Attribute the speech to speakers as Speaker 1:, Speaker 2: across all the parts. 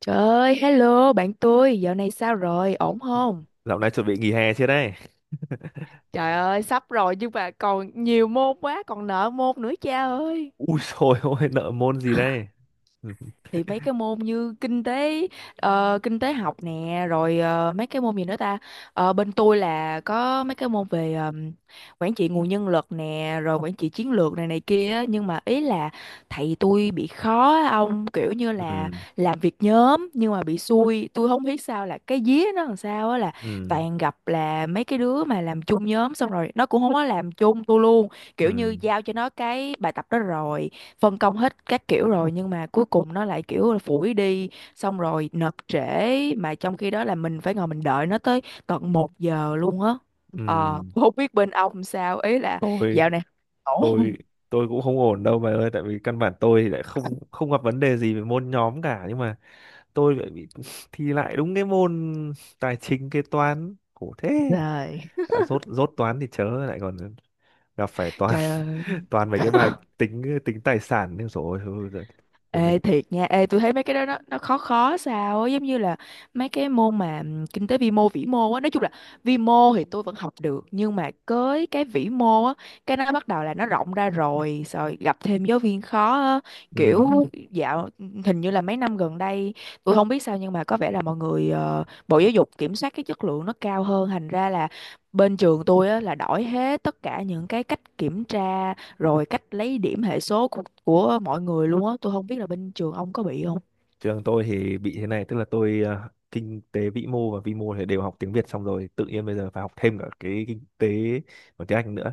Speaker 1: Trời ơi, hello bạn tôi, dạo này sao rồi, ổn không?
Speaker 2: Dạo này chuẩn bị nghỉ hè chưa đây?
Speaker 1: Trời ơi, sắp rồi nhưng mà còn nhiều môn quá, còn nợ môn nữa cha ơi.
Speaker 2: Ui dồi ôi, nợ môn gì đây? Ừ,
Speaker 1: Thì mấy cái môn như kinh tế kinh tế học nè, rồi mấy cái môn gì nữa ta. Ờ, bên tôi là có mấy cái môn về quản trị nguồn nhân lực nè, rồi quản trị chiến lược này này kia á. Nhưng mà ý là thầy tôi bị khó á, ông kiểu như
Speaker 2: ừ,
Speaker 1: là làm việc nhóm nhưng mà bị xui, tôi không biết sao là cái vía nó làm sao á, là
Speaker 2: ừ,
Speaker 1: toàn gặp là mấy cái đứa mà làm chung nhóm xong rồi nó cũng không có làm chung tôi luôn. Kiểu như
Speaker 2: ừ.
Speaker 1: giao cho nó cái bài tập đó rồi phân công hết các kiểu rồi, nhưng mà cuối cùng nó lại kiểu là phủi đi, xong rồi nộp trễ, mà trong khi đó là mình phải ngồi mình đợi nó tới tận một giờ luôn á.
Speaker 2: Ừ.
Speaker 1: Không biết bên ông sao, ý là
Speaker 2: Tôi,
Speaker 1: dạo này ổn
Speaker 2: tôi,
Speaker 1: không?
Speaker 2: tôi cũng không ổn đâu bà ơi, tại vì căn bản tôi thì lại không không gặp vấn đề gì về môn nhóm cả, nhưng mà tôi lại bị thi lại đúng cái môn tài chính kế toán, khổ thế.
Speaker 1: Trời
Speaker 2: Đã dốt dốt toán thì chớ lại còn gặp phải toán.
Speaker 1: Trời ơi.
Speaker 2: Toàn mấy cái bài tính tính tài sản nhưng rồi kiểu mình.
Speaker 1: Ê thiệt nha, ê tôi thấy mấy cái đó nó khó khó sao á, giống như là mấy cái môn mà kinh tế vi mô vĩ mô á, nói chung là vi mô thì tôi vẫn học được, nhưng mà với cái vĩ mô á, cái nó bắt đầu là nó rộng ra rồi, rồi gặp thêm giáo viên khó á, kiểu
Speaker 2: Ừ.
Speaker 1: dạo hình như là mấy năm gần đây tôi không biết sao, nhưng mà có vẻ là mọi người Bộ Giáo dục kiểm soát cái chất lượng nó cao hơn, thành ra là bên trường tôi á là đổi hết tất cả những cái cách kiểm tra rồi cách lấy điểm hệ số của mọi người luôn á, tôi không biết là bên trường ông có bị không.
Speaker 2: Trường tôi thì bị thế này, tức là tôi, kinh tế vĩ mô và vi mô thì đều học tiếng Việt, xong rồi tự nhiên bây giờ phải học thêm cả cái kinh tế bằng tiếng Anh nữa.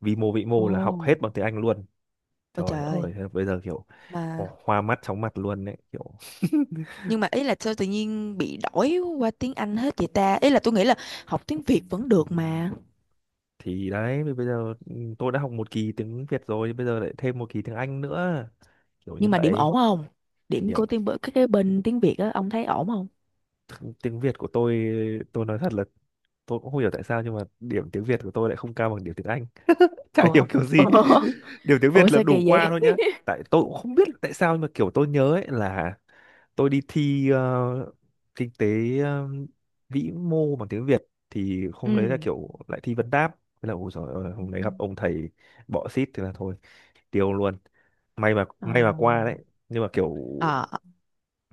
Speaker 2: Vi mô vĩ mô là học
Speaker 1: Ồ,
Speaker 2: hết bằng tiếng Anh luôn.
Speaker 1: ôi trời
Speaker 2: Trời
Speaker 1: ơi
Speaker 2: ơi, thế bây giờ kiểu
Speaker 1: mà.
Speaker 2: hoa mắt chóng mặt luôn đấy kiểu.
Speaker 1: Nhưng mà ý là sao tự nhiên bị đổi qua tiếng Anh hết vậy ta? Ý là tôi nghĩ là học tiếng Việt vẫn được mà.
Speaker 2: Thì đấy, bây bây giờ, ừ, tôi đã học một kỳ tiếng Việt rồi bây giờ lại thêm một kỳ tiếng Anh nữa, kiểu như
Speaker 1: Nhưng mà điểm
Speaker 2: vậy.
Speaker 1: ổn không, điểm
Speaker 2: Điểm
Speaker 1: của tiếng cái bên tiếng Việt á ông thấy ổn không?
Speaker 2: tiếng Việt của tôi nói thật là tôi cũng không hiểu tại sao nhưng mà điểm tiếng Việt của tôi lại không cao bằng điểm tiếng Anh. Chả
Speaker 1: Ủa.
Speaker 2: hiểu kiểu gì.
Speaker 1: Ủa.
Speaker 2: Điều tiếng
Speaker 1: Ủa
Speaker 2: Việt là
Speaker 1: sao
Speaker 2: đủ
Speaker 1: kỳ vậy.
Speaker 2: qua thôi nhá. Tại tôi cũng không biết là tại sao nhưng mà kiểu tôi nhớ ấy là tôi đi thi, kinh tế, ờ, vĩ mô bằng tiếng Việt thì hôm đấy là
Speaker 1: Ừ.
Speaker 2: kiểu lại thi vấn đáp. Thế là ôi giời ơi, hôm đấy gặp ông thầy bọ xít thì là thôi, tiêu luôn. May mà
Speaker 1: Ờ.
Speaker 2: may mà qua đấy. Nhưng mà kiểu,
Speaker 1: Ờ,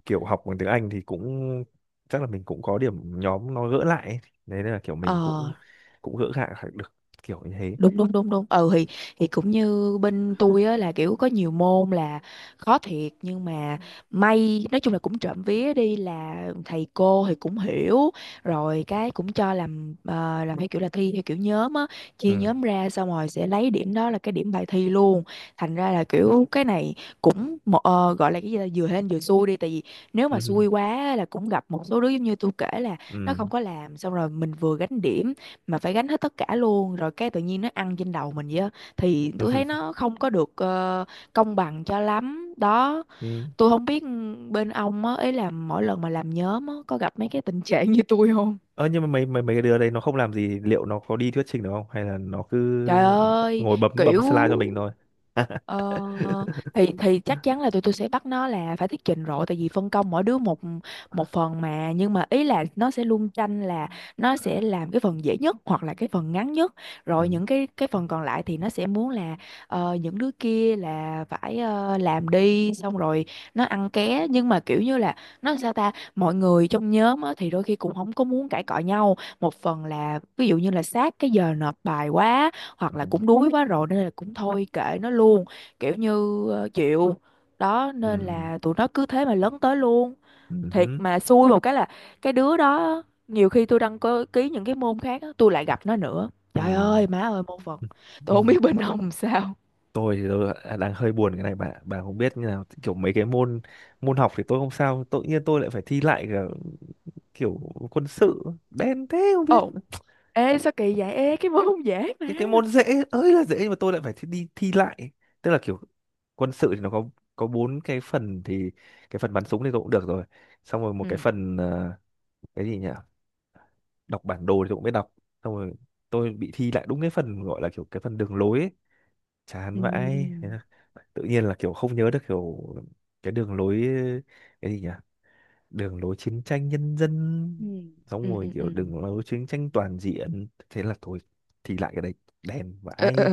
Speaker 2: kiểu học bằng tiếng Anh thì cũng chắc là mình cũng có điểm nhóm nó gỡ lại ấy. Đấy là kiểu
Speaker 1: ờ
Speaker 2: mình cũng cũng gỡ gạc được kiểu như thế.
Speaker 1: đúng đúng đúng đúng, ừ thì cũng như bên tôi á là kiểu có nhiều môn là khó thiệt, nhưng mà may nói chung là cũng trộm vía đi là thầy cô thì cũng hiểu, rồi cái cũng cho làm theo kiểu là thi theo kiểu nhóm á, chia
Speaker 2: Ừ.
Speaker 1: nhóm ra xong rồi sẽ lấy điểm đó là cái điểm bài thi luôn. Thành ra là kiểu cái này cũng một, gọi là cái gì, là vừa hên vừa xui đi, tại vì nếu mà
Speaker 2: Ừ.
Speaker 1: xui quá á là cũng gặp một số đứa giống như tôi kể là nó
Speaker 2: Ừ.
Speaker 1: không có làm, xong rồi mình vừa gánh điểm mà phải gánh hết tất cả luôn, rồi cái tự nhiên nó ăn trên đầu mình vậy á, thì tôi thấy nó không có được công bằng cho lắm đó.
Speaker 2: Ừ.
Speaker 1: Tôi không biết bên ông á, ấy là mỗi lần mà làm nhóm á có gặp mấy cái tình trạng như tôi không?
Speaker 2: Ơ nhưng mà mấy mấy mấy cái đứa đấy nó không làm gì thì liệu nó có đi thuyết trình được không, hay là nó cứ
Speaker 1: Trời ơi,
Speaker 2: ngồi bấm bấm
Speaker 1: kiểu.
Speaker 2: slide cho mình thôi?
Speaker 1: Ờ, thì chắc chắn là tụi tôi sẽ bắt nó là phải thuyết trình rồi, tại vì phân công mỗi đứa một một phần mà, nhưng mà ý là nó sẽ luôn tranh là nó sẽ làm cái phần dễ nhất hoặc là cái phần ngắn nhất,
Speaker 2: Ừ.
Speaker 1: rồi những cái phần còn lại thì nó sẽ muốn là những đứa kia là phải làm đi, xong rồi nó ăn ké. Nhưng mà kiểu như là nó sao ta, mọi người trong nhóm á, thì đôi khi cũng không có muốn cãi cọ nhau, một phần là ví dụ như là sát cái giờ nộp bài quá
Speaker 2: Ừ.
Speaker 1: hoặc là cũng đuối quá rồi, nên là cũng thôi kệ nó luôn. Kiểu như chịu đó, nên
Speaker 2: Ừ.
Speaker 1: là tụi nó cứ thế mà lấn tới luôn. Thiệt
Speaker 2: Ừ.
Speaker 1: mà xui một cái là cái đứa đó nhiều khi tôi ký những cái môn khác á, tôi lại gặp nó nữa,
Speaker 2: Ừ.
Speaker 1: trời ơi má ơi môn vật. Tôi
Speaker 2: Ừ.
Speaker 1: không biết bên ông sao.
Speaker 2: Tôi thì tôi đang hơi buồn cái này, bà không biết như nào kiểu mấy cái môn, môn học thì tôi không sao, tự nhiên tôi lại phải thi lại cả kiểu quân sự, đen thế không biết.
Speaker 1: Ồ, ê sao kỳ vậy, ê cái môn không dễ mà.
Speaker 2: Cái môn dễ ơi là dễ nhưng mà tôi lại phải thi, đi thi lại. Tức là kiểu quân sự thì nó có bốn cái phần thì cái phần bắn súng thì tôi cũng được rồi, xong rồi một
Speaker 1: Ừ.
Speaker 2: cái phần, cái gì nhỉ, đọc bản đồ thì tôi cũng biết đọc. Xong rồi tôi bị thi lại đúng cái phần gọi là kiểu cái phần đường lối ấy. Chán vãi.
Speaker 1: Ừ.
Speaker 2: Thế là tự nhiên là kiểu không nhớ được kiểu cái đường lối, cái gì nhỉ, đường lối chiến tranh nhân dân,
Speaker 1: Ừ.
Speaker 2: xong
Speaker 1: Ừ,
Speaker 2: rồi kiểu
Speaker 1: ừ,
Speaker 2: đường lối chiến tranh toàn diện, thế là thôi, thi lại cái đấy. Đèn
Speaker 1: ừ.
Speaker 2: vãi.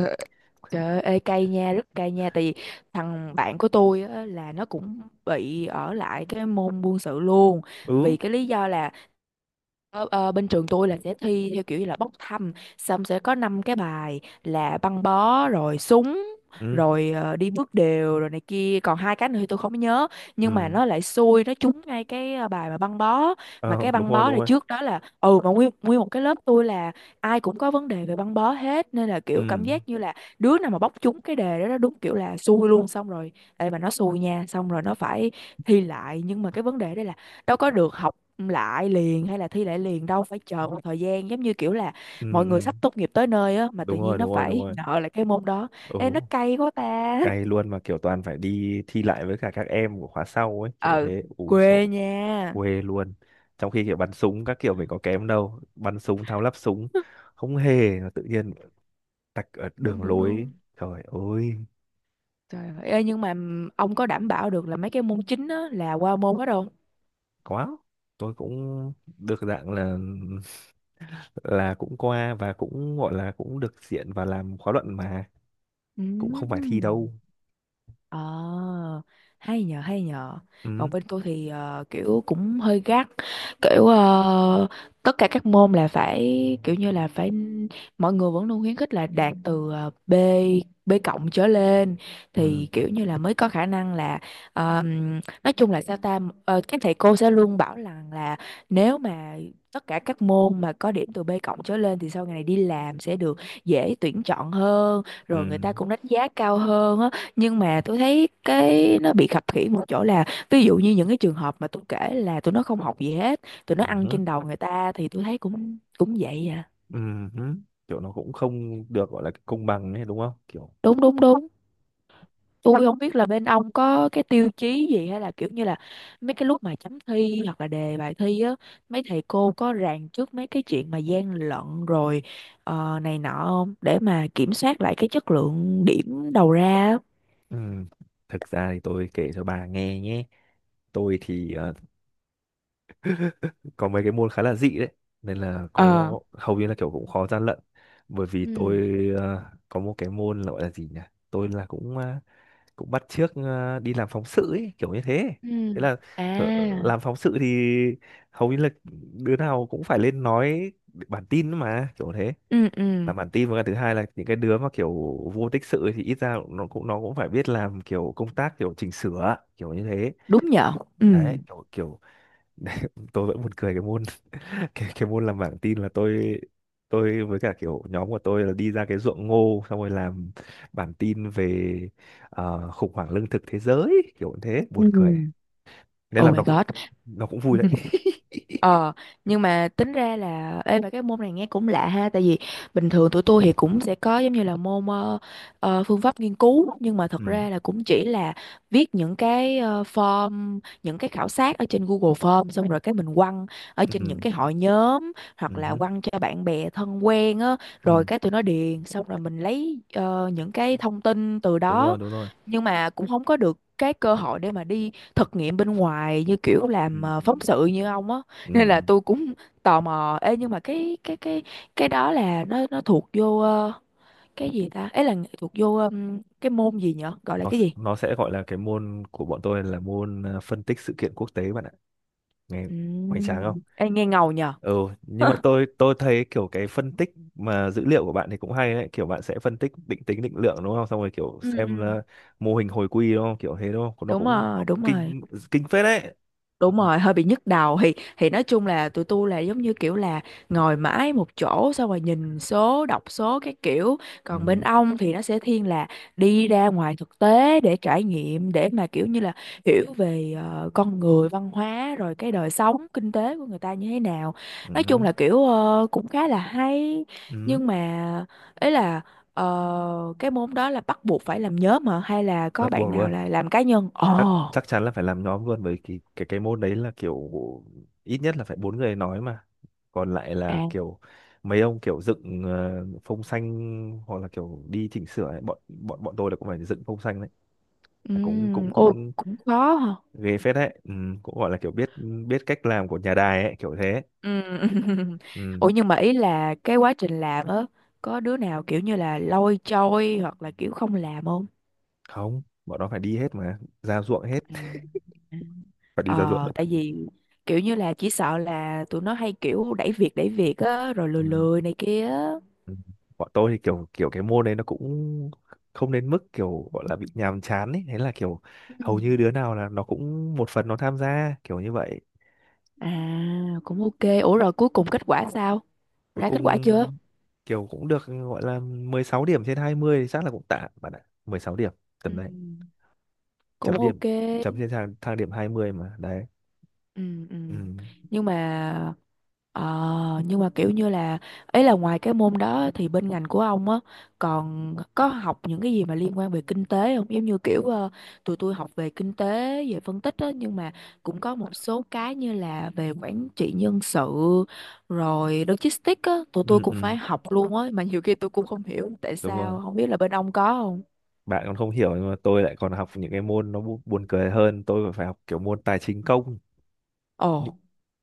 Speaker 1: Trời ơi, ê, cay nha, rất cay nha. Tại vì thằng bạn của tôi á, là nó cũng bị ở lại cái môn buôn sự luôn.
Speaker 2: Ừ.
Speaker 1: Vì cái lý do là bên trường tôi là sẽ thi theo kiểu như là bốc thăm, xong sẽ có năm cái bài là băng bó rồi súng
Speaker 2: Ừ.
Speaker 1: rồi đi bước đều rồi này kia, còn hai cái nữa thì tôi không nhớ.
Speaker 2: Ừ.
Speaker 1: Nhưng mà nó lại xui, nó trúng ngay cái bài mà băng bó. Mà
Speaker 2: Ờ,
Speaker 1: cái
Speaker 2: đúng
Speaker 1: băng
Speaker 2: rồi
Speaker 1: bó
Speaker 2: đúng
Speaker 1: này
Speaker 2: rồi.
Speaker 1: trước đó là mà nguyên nguyên một cái lớp tôi là ai cũng có vấn đề về băng bó hết, nên là
Speaker 2: Ừ.
Speaker 1: kiểu cảm giác như là đứa nào mà bóc trúng cái đề đó đúng kiểu là xui luôn. Xong rồi ê mà nó xui nha, xong rồi nó phải thi lại. Nhưng mà cái vấn đề đây là đâu có được học lại liền hay là thi lại liền đâu, phải chờ một thời gian giống như kiểu là
Speaker 2: Ừ.
Speaker 1: mọi
Speaker 2: Ừ.
Speaker 1: người sắp tốt nghiệp tới nơi á, mà tự
Speaker 2: Đúng rồi
Speaker 1: nhiên nó
Speaker 2: đúng rồi đúng
Speaker 1: phải
Speaker 2: rồi.
Speaker 1: nợ lại cái môn đó.
Speaker 2: Ừ.
Speaker 1: Ê nó cay quá ta
Speaker 2: Cay luôn mà kiểu toàn phải đi thi lại với cả các em của khóa sau ấy, kiểu
Speaker 1: ừ,
Speaker 2: thế. Ui
Speaker 1: quê
Speaker 2: sổ
Speaker 1: nha.
Speaker 2: quê luôn. Trong khi kiểu bắn súng các kiểu mình có kém đâu, bắn súng tháo lắp súng không hề, mà tự nhiên tạch ở
Speaker 1: Đúng
Speaker 2: đường
Speaker 1: đúng
Speaker 2: lối.
Speaker 1: đúng.
Speaker 2: Trời ơi.
Speaker 1: Trời ơi. Ê, nhưng mà ông có đảm bảo được là mấy cái môn chính á là qua môn hết không?
Speaker 2: Quá, tôi cũng được dạng là cũng qua và cũng gọi là cũng được diện và làm khóa luận mà, cũng không phải thi
Speaker 1: Ừm.
Speaker 2: đâu.
Speaker 1: Ờ, hay nhờ hay nhờ.
Speaker 2: Ừ.
Speaker 1: Còn bên tôi thì kiểu cũng hơi gắt, kiểu tất cả các môn là phải, kiểu như là phải, mọi người vẫn luôn khuyến khích là đạt từ B B cộng trở lên
Speaker 2: Ừ.
Speaker 1: thì kiểu như là mới có khả năng là nói chung là sao ta, các thầy cô sẽ luôn bảo rằng là nếu mà tất cả các môn mà có điểm từ B cộng trở lên thì sau này đi làm sẽ được dễ tuyển chọn hơn,
Speaker 2: Ừ.
Speaker 1: rồi người ta cũng đánh giá cao hơn á. Nhưng mà tôi thấy cái nó bị khập khiễng một chỗ là ví dụ như những cái trường hợp mà tôi kể là tụi nó không học gì hết, tụi nó
Speaker 2: Ừ
Speaker 1: ăn
Speaker 2: hứ,
Speaker 1: trên đầu người ta, thì tôi thấy cũng cũng vậy à.
Speaker 2: ừ hứ. Kiểu nó cũng không được gọi là công bằng ấy, đúng không, kiểu.
Speaker 1: Đúng đúng đúng. Tôi không biết là bên ông có cái tiêu chí gì hay là kiểu như là mấy cái lúc mà chấm thi hoặc là đề bài thi á, mấy thầy cô có ràng trước mấy cái chuyện mà gian lận rồi này nọ không, để mà kiểm soát lại cái chất lượng điểm đầu ra á.
Speaker 2: Ừ. Thực ra thì tôi kể cho bà nghe nhé. Tôi thì, có mấy cái môn khá là dị đấy nên là có
Speaker 1: Ờ.
Speaker 2: hầu như là kiểu cũng khó gian lận, bởi vì tôi,
Speaker 1: Ừ.
Speaker 2: có một cái môn là gọi là gì nhỉ, tôi là cũng, cũng bắt chước, đi làm phóng sự ấy, kiểu như thế.
Speaker 1: Ừ.
Speaker 2: Thế là, ờ,
Speaker 1: À.
Speaker 2: làm phóng sự thì hầu như là đứa nào cũng phải lên nói bản tin mà kiểu thế.
Speaker 1: Ừ. Ừ.
Speaker 2: Làm bản tin và cái thứ hai là những cái đứa mà kiểu vô tích sự ấy thì ít ra nó cũng phải biết làm kiểu công tác kiểu chỉnh sửa kiểu như thế.
Speaker 1: Đúng nhở. Ừ.
Speaker 2: Đấy kiểu kiểu. Tôi vẫn buồn cười cái môn. Cái môn làm bảng tin là tôi với cả kiểu nhóm của tôi là đi ra cái ruộng ngô xong rồi làm bản tin về, khủng hoảng lương thực thế giới, kiểu như thế, buồn cười.
Speaker 1: Ừ.
Speaker 2: Nên là
Speaker 1: Oh my god.
Speaker 2: nó cũng vui đấy.
Speaker 1: Ờ, nhưng mà tính ra là ê mà cái môn này nghe cũng lạ ha, tại vì bình thường tụi tôi thì cũng sẽ có giống như là môn phương pháp nghiên cứu, nhưng mà thật
Speaker 2: Ừ.
Speaker 1: ra là cũng chỉ là viết những cái form, những cái khảo sát ở trên Google Form, xong rồi cái mình quăng ở trên
Speaker 2: Ừ.
Speaker 1: những cái hội nhóm hoặc
Speaker 2: Ừ.
Speaker 1: là
Speaker 2: Ừ.
Speaker 1: quăng cho bạn bè thân quen á, rồi
Speaker 2: Ừ.
Speaker 1: cái tụi nó điền, xong rồi mình lấy những cái thông tin từ
Speaker 2: Đúng
Speaker 1: đó.
Speaker 2: rồi đúng rồi.
Speaker 1: Nhưng mà cũng không có được cái cơ hội để mà đi thực nghiệm bên ngoài như kiểu
Speaker 2: Ừ.
Speaker 1: làm
Speaker 2: Ừ.
Speaker 1: phóng sự như ông á,
Speaker 2: Ừ.
Speaker 1: nên là
Speaker 2: Ừ.
Speaker 1: tôi cũng tò mò. Ê, nhưng mà cái đó là nó thuộc vô cái gì ta, ấy là thuộc vô cái môn gì nhở, gọi là
Speaker 2: nó
Speaker 1: cái
Speaker 2: s-
Speaker 1: gì.
Speaker 2: nó sẽ gọi là cái môn của bọn tôi là môn, phân tích sự kiện quốc tế bạn ạ. Nghe hoành tráng không?
Speaker 1: Ừm. Ê, nghe ngầu nhờ.
Speaker 2: Ừ. Nhưng mà tôi thấy kiểu cái phân tích mà dữ liệu của bạn thì cũng hay đấy, kiểu bạn sẽ phân tích định tính định lượng đúng không, xong rồi kiểu
Speaker 1: Ừ,
Speaker 2: xem
Speaker 1: ừ.
Speaker 2: là mô hình hồi quy đúng không kiểu thế, đúng không, nó
Speaker 1: Đúng
Speaker 2: cũng nó
Speaker 1: rồi
Speaker 2: cũng
Speaker 1: đúng rồi
Speaker 2: kinh, kinh phết đấy. Ừ,
Speaker 1: đúng rồi, hơi bị nhức đầu thì nói chung là tụi tôi là giống như kiểu là ngồi mãi một chỗ xong rồi nhìn số đọc số cái kiểu, còn bên
Speaker 2: ừ,
Speaker 1: ông thì nó sẽ thiên là đi ra ngoài thực tế để trải nghiệm, để mà kiểu như là hiểu về con người văn hóa rồi cái đời sống kinh tế của người ta như thế nào, nói chung
Speaker 2: ừ,
Speaker 1: là kiểu cũng khá là hay.
Speaker 2: ừ.
Speaker 1: Nhưng mà, ấy là cái môn đó là bắt buộc phải làm nhóm mà hay là có
Speaker 2: Bắt buộc
Speaker 1: bạn nào
Speaker 2: luôn.
Speaker 1: là làm cá nhân
Speaker 2: chắc
Speaker 1: ồ.
Speaker 2: chắc chắn là phải làm nhóm luôn, bởi cái cái môn đấy là kiểu ít nhất là phải bốn người nói mà. Còn lại là
Speaker 1: À.
Speaker 2: kiểu mấy ông kiểu dựng, phông xanh hoặc là kiểu đi chỉnh sửa ấy. Bọn bọn bọn tôi là cũng phải dựng phông xanh đấy, là cũng cũng
Speaker 1: Ôi
Speaker 2: cũng
Speaker 1: cũng khó hả?
Speaker 2: ghê phết đấy. Ừ, cũng gọi là kiểu biết biết cách làm của nhà đài ấy kiểu thế.
Speaker 1: Ừm.
Speaker 2: Ừ.
Speaker 1: Ủa nhưng mà ý là cái quá trình làm á, có đứa nào kiểu như là lôi trôi hoặc là kiểu không làm không?
Speaker 2: Không, bọn nó phải đi hết mà, ra ruộng hết.
Speaker 1: À, à.
Speaker 2: Phải đi ra ruộng.
Speaker 1: Ờ, tại vì kiểu như là chỉ sợ là tụi nó hay kiểu đẩy việc á, rồi lười
Speaker 2: Ừ.
Speaker 1: lười này kia á.
Speaker 2: Ừ. Bọn tôi thì kiểu kiểu cái môn đấy nó cũng không đến mức kiểu gọi là bị nhàm chán ấy, thế là kiểu
Speaker 1: Ừ.
Speaker 2: hầu như đứa nào là nó cũng một phần nó tham gia kiểu như vậy.
Speaker 1: À, cũng ok. Ủa rồi cuối cùng kết quả sao?
Speaker 2: Cuối
Speaker 1: Ra kết quả
Speaker 2: cùng
Speaker 1: chưa?
Speaker 2: kiểu cũng được gọi là 16 điểm trên 20 thì chắc là cũng tạm bạn ạ. 16 điểm,
Speaker 1: Ừ.
Speaker 2: tầm đấy.
Speaker 1: Cũng
Speaker 2: Chấm điểm,
Speaker 1: ok.
Speaker 2: chấm trên thang, thang điểm 20 mà đấy.
Speaker 1: Ừ, ừ
Speaker 2: Ừ.
Speaker 1: nhưng mà nhưng mà kiểu như là ấy là ngoài cái môn đó thì bên ngành của ông á còn có học những cái gì mà liên quan về kinh tế không, giống như kiểu tụi tôi học về kinh tế, về phân tích á, nhưng mà cũng có một số cái như là về quản trị nhân sự rồi logistics á tụi tôi
Speaker 2: Ừ,
Speaker 1: cũng
Speaker 2: ừ.
Speaker 1: phải học luôn á, mà nhiều khi tôi cũng không hiểu tại
Speaker 2: Đúng rồi,
Speaker 1: sao không biết là bên ông có không.
Speaker 2: bạn còn không hiểu nhưng mà tôi lại còn học những cái môn nó buồn cười hơn, tôi còn phải học kiểu môn tài chính công.
Speaker 1: Ồ.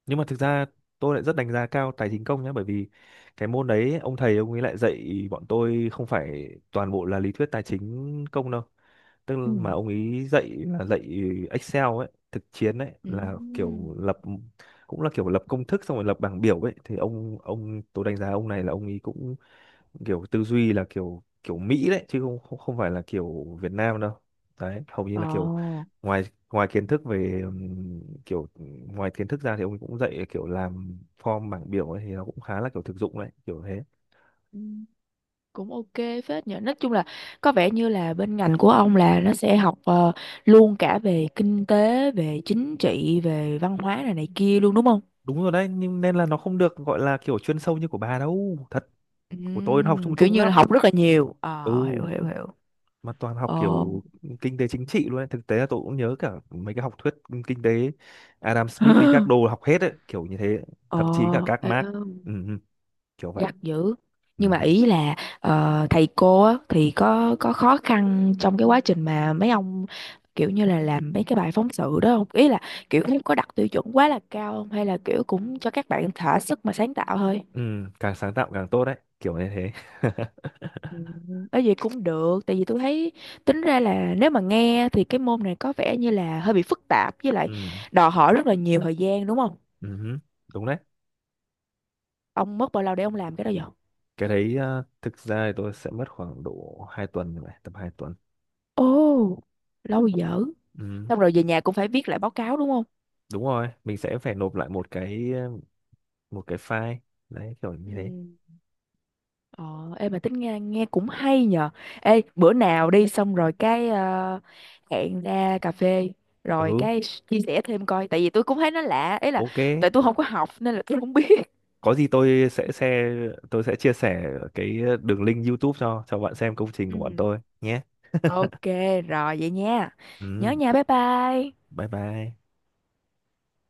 Speaker 2: Nhưng mà thực ra tôi lại rất đánh giá cao tài chính công nhé, bởi vì cái môn đấy ông thầy ông ấy lại dạy bọn tôi không phải toàn bộ là lý thuyết tài chính công đâu. Tức là
Speaker 1: Ừ.
Speaker 2: mà ông ấy dạy là dạy Excel ấy, thực chiến ấy, là
Speaker 1: Ừ.
Speaker 2: kiểu lập, cũng là kiểu lập công thức xong rồi lập bảng biểu ấy, thì ông tôi đánh giá ông này là ông ấy cũng kiểu tư duy là kiểu kiểu Mỹ đấy, chứ không không không phải là kiểu Việt Nam đâu. Đấy hầu như là kiểu
Speaker 1: Ồ,
Speaker 2: ngoài, ngoài kiến thức về, kiểu ngoài kiến thức ra thì ông ấy cũng dạy kiểu làm form bảng biểu ấy, thì nó cũng khá là kiểu thực dụng đấy kiểu thế.
Speaker 1: cũng ok phết nhờ, nói chung là có vẻ như là bên ngành của ông là nó sẽ học luôn cả về kinh tế, về chính trị, về văn hóa này này kia luôn đúng không.
Speaker 2: Đúng rồi đấy, nhưng nên là nó không được gọi là kiểu chuyên sâu như của bà đâu thật. Của tôi nó học chung
Speaker 1: Kiểu
Speaker 2: chung
Speaker 1: như là
Speaker 2: lắm.
Speaker 1: học rất là nhiều. Ờ, hiểu
Speaker 2: Ừ,
Speaker 1: hiểu hiểu.
Speaker 2: mà toàn học
Speaker 1: Ờ.
Speaker 2: kiểu kinh tế chính trị luôn ấy. Thực tế là tôi cũng nhớ cả mấy cái học thuyết kinh tế Adam Smith, Ricardo học hết ấy kiểu như thế.
Speaker 1: Ờ
Speaker 2: Thậm chí cả các
Speaker 1: ờ,
Speaker 2: Marx. Ừ. Ừ. Kiểu vậy.
Speaker 1: gắt dữ.
Speaker 2: Ừ.
Speaker 1: Nhưng mà ý là thầy cô á, thì có khó khăn trong cái quá trình mà mấy ông kiểu như là làm mấy cái bài phóng sự đó không, ý là kiểu không có đặt tiêu chuẩn quá là cao không hay là kiểu cũng cho các bạn thỏa sức mà sáng tạo thôi.
Speaker 2: Ừ. Càng sáng tạo càng tốt đấy, kiểu như thế.
Speaker 1: Ừ, bởi vì cũng được, tại vì tôi thấy tính ra là nếu mà nghe thì cái môn này có vẻ như là hơi bị phức tạp, với lại
Speaker 2: Ừ.
Speaker 1: đòi hỏi rất là nhiều thời gian đúng không.
Speaker 2: Ừ. Đúng đấy.
Speaker 1: Ông mất bao lâu để ông làm cái đó vậy?
Speaker 2: Cái đấy, thực ra thì tôi sẽ mất khoảng độ 2 tuần như vậy, tầm 2 tuần.
Speaker 1: Ồ, lâu dở.
Speaker 2: Ừ.
Speaker 1: Xong rồi về nhà cũng phải viết lại báo cáo đúng không.
Speaker 2: Đúng rồi, mình sẽ phải nộp lại một cái, một cái file, đấy kiểu như
Speaker 1: Ừ.
Speaker 2: thế.
Speaker 1: Ờ, em mà tính nghe nghe cũng hay nhờ. Ê, bữa nào đi xong rồi cái hẹn ra cà phê rồi
Speaker 2: Ừ.
Speaker 1: cái chia sẻ thêm coi, tại vì tôi cũng thấy nó lạ, ý là
Speaker 2: Ok,
Speaker 1: tại tôi không có học nên là tôi không biết.
Speaker 2: có gì tôi sẽ, tôi sẽ chia sẻ cái đường link YouTube cho bạn xem công trình của bọn
Speaker 1: Ừ.
Speaker 2: tôi nhé.
Speaker 1: Ok, rồi vậy nha. Nhớ
Speaker 2: Ừ.
Speaker 1: nha, bye bye.
Speaker 2: Bye bye.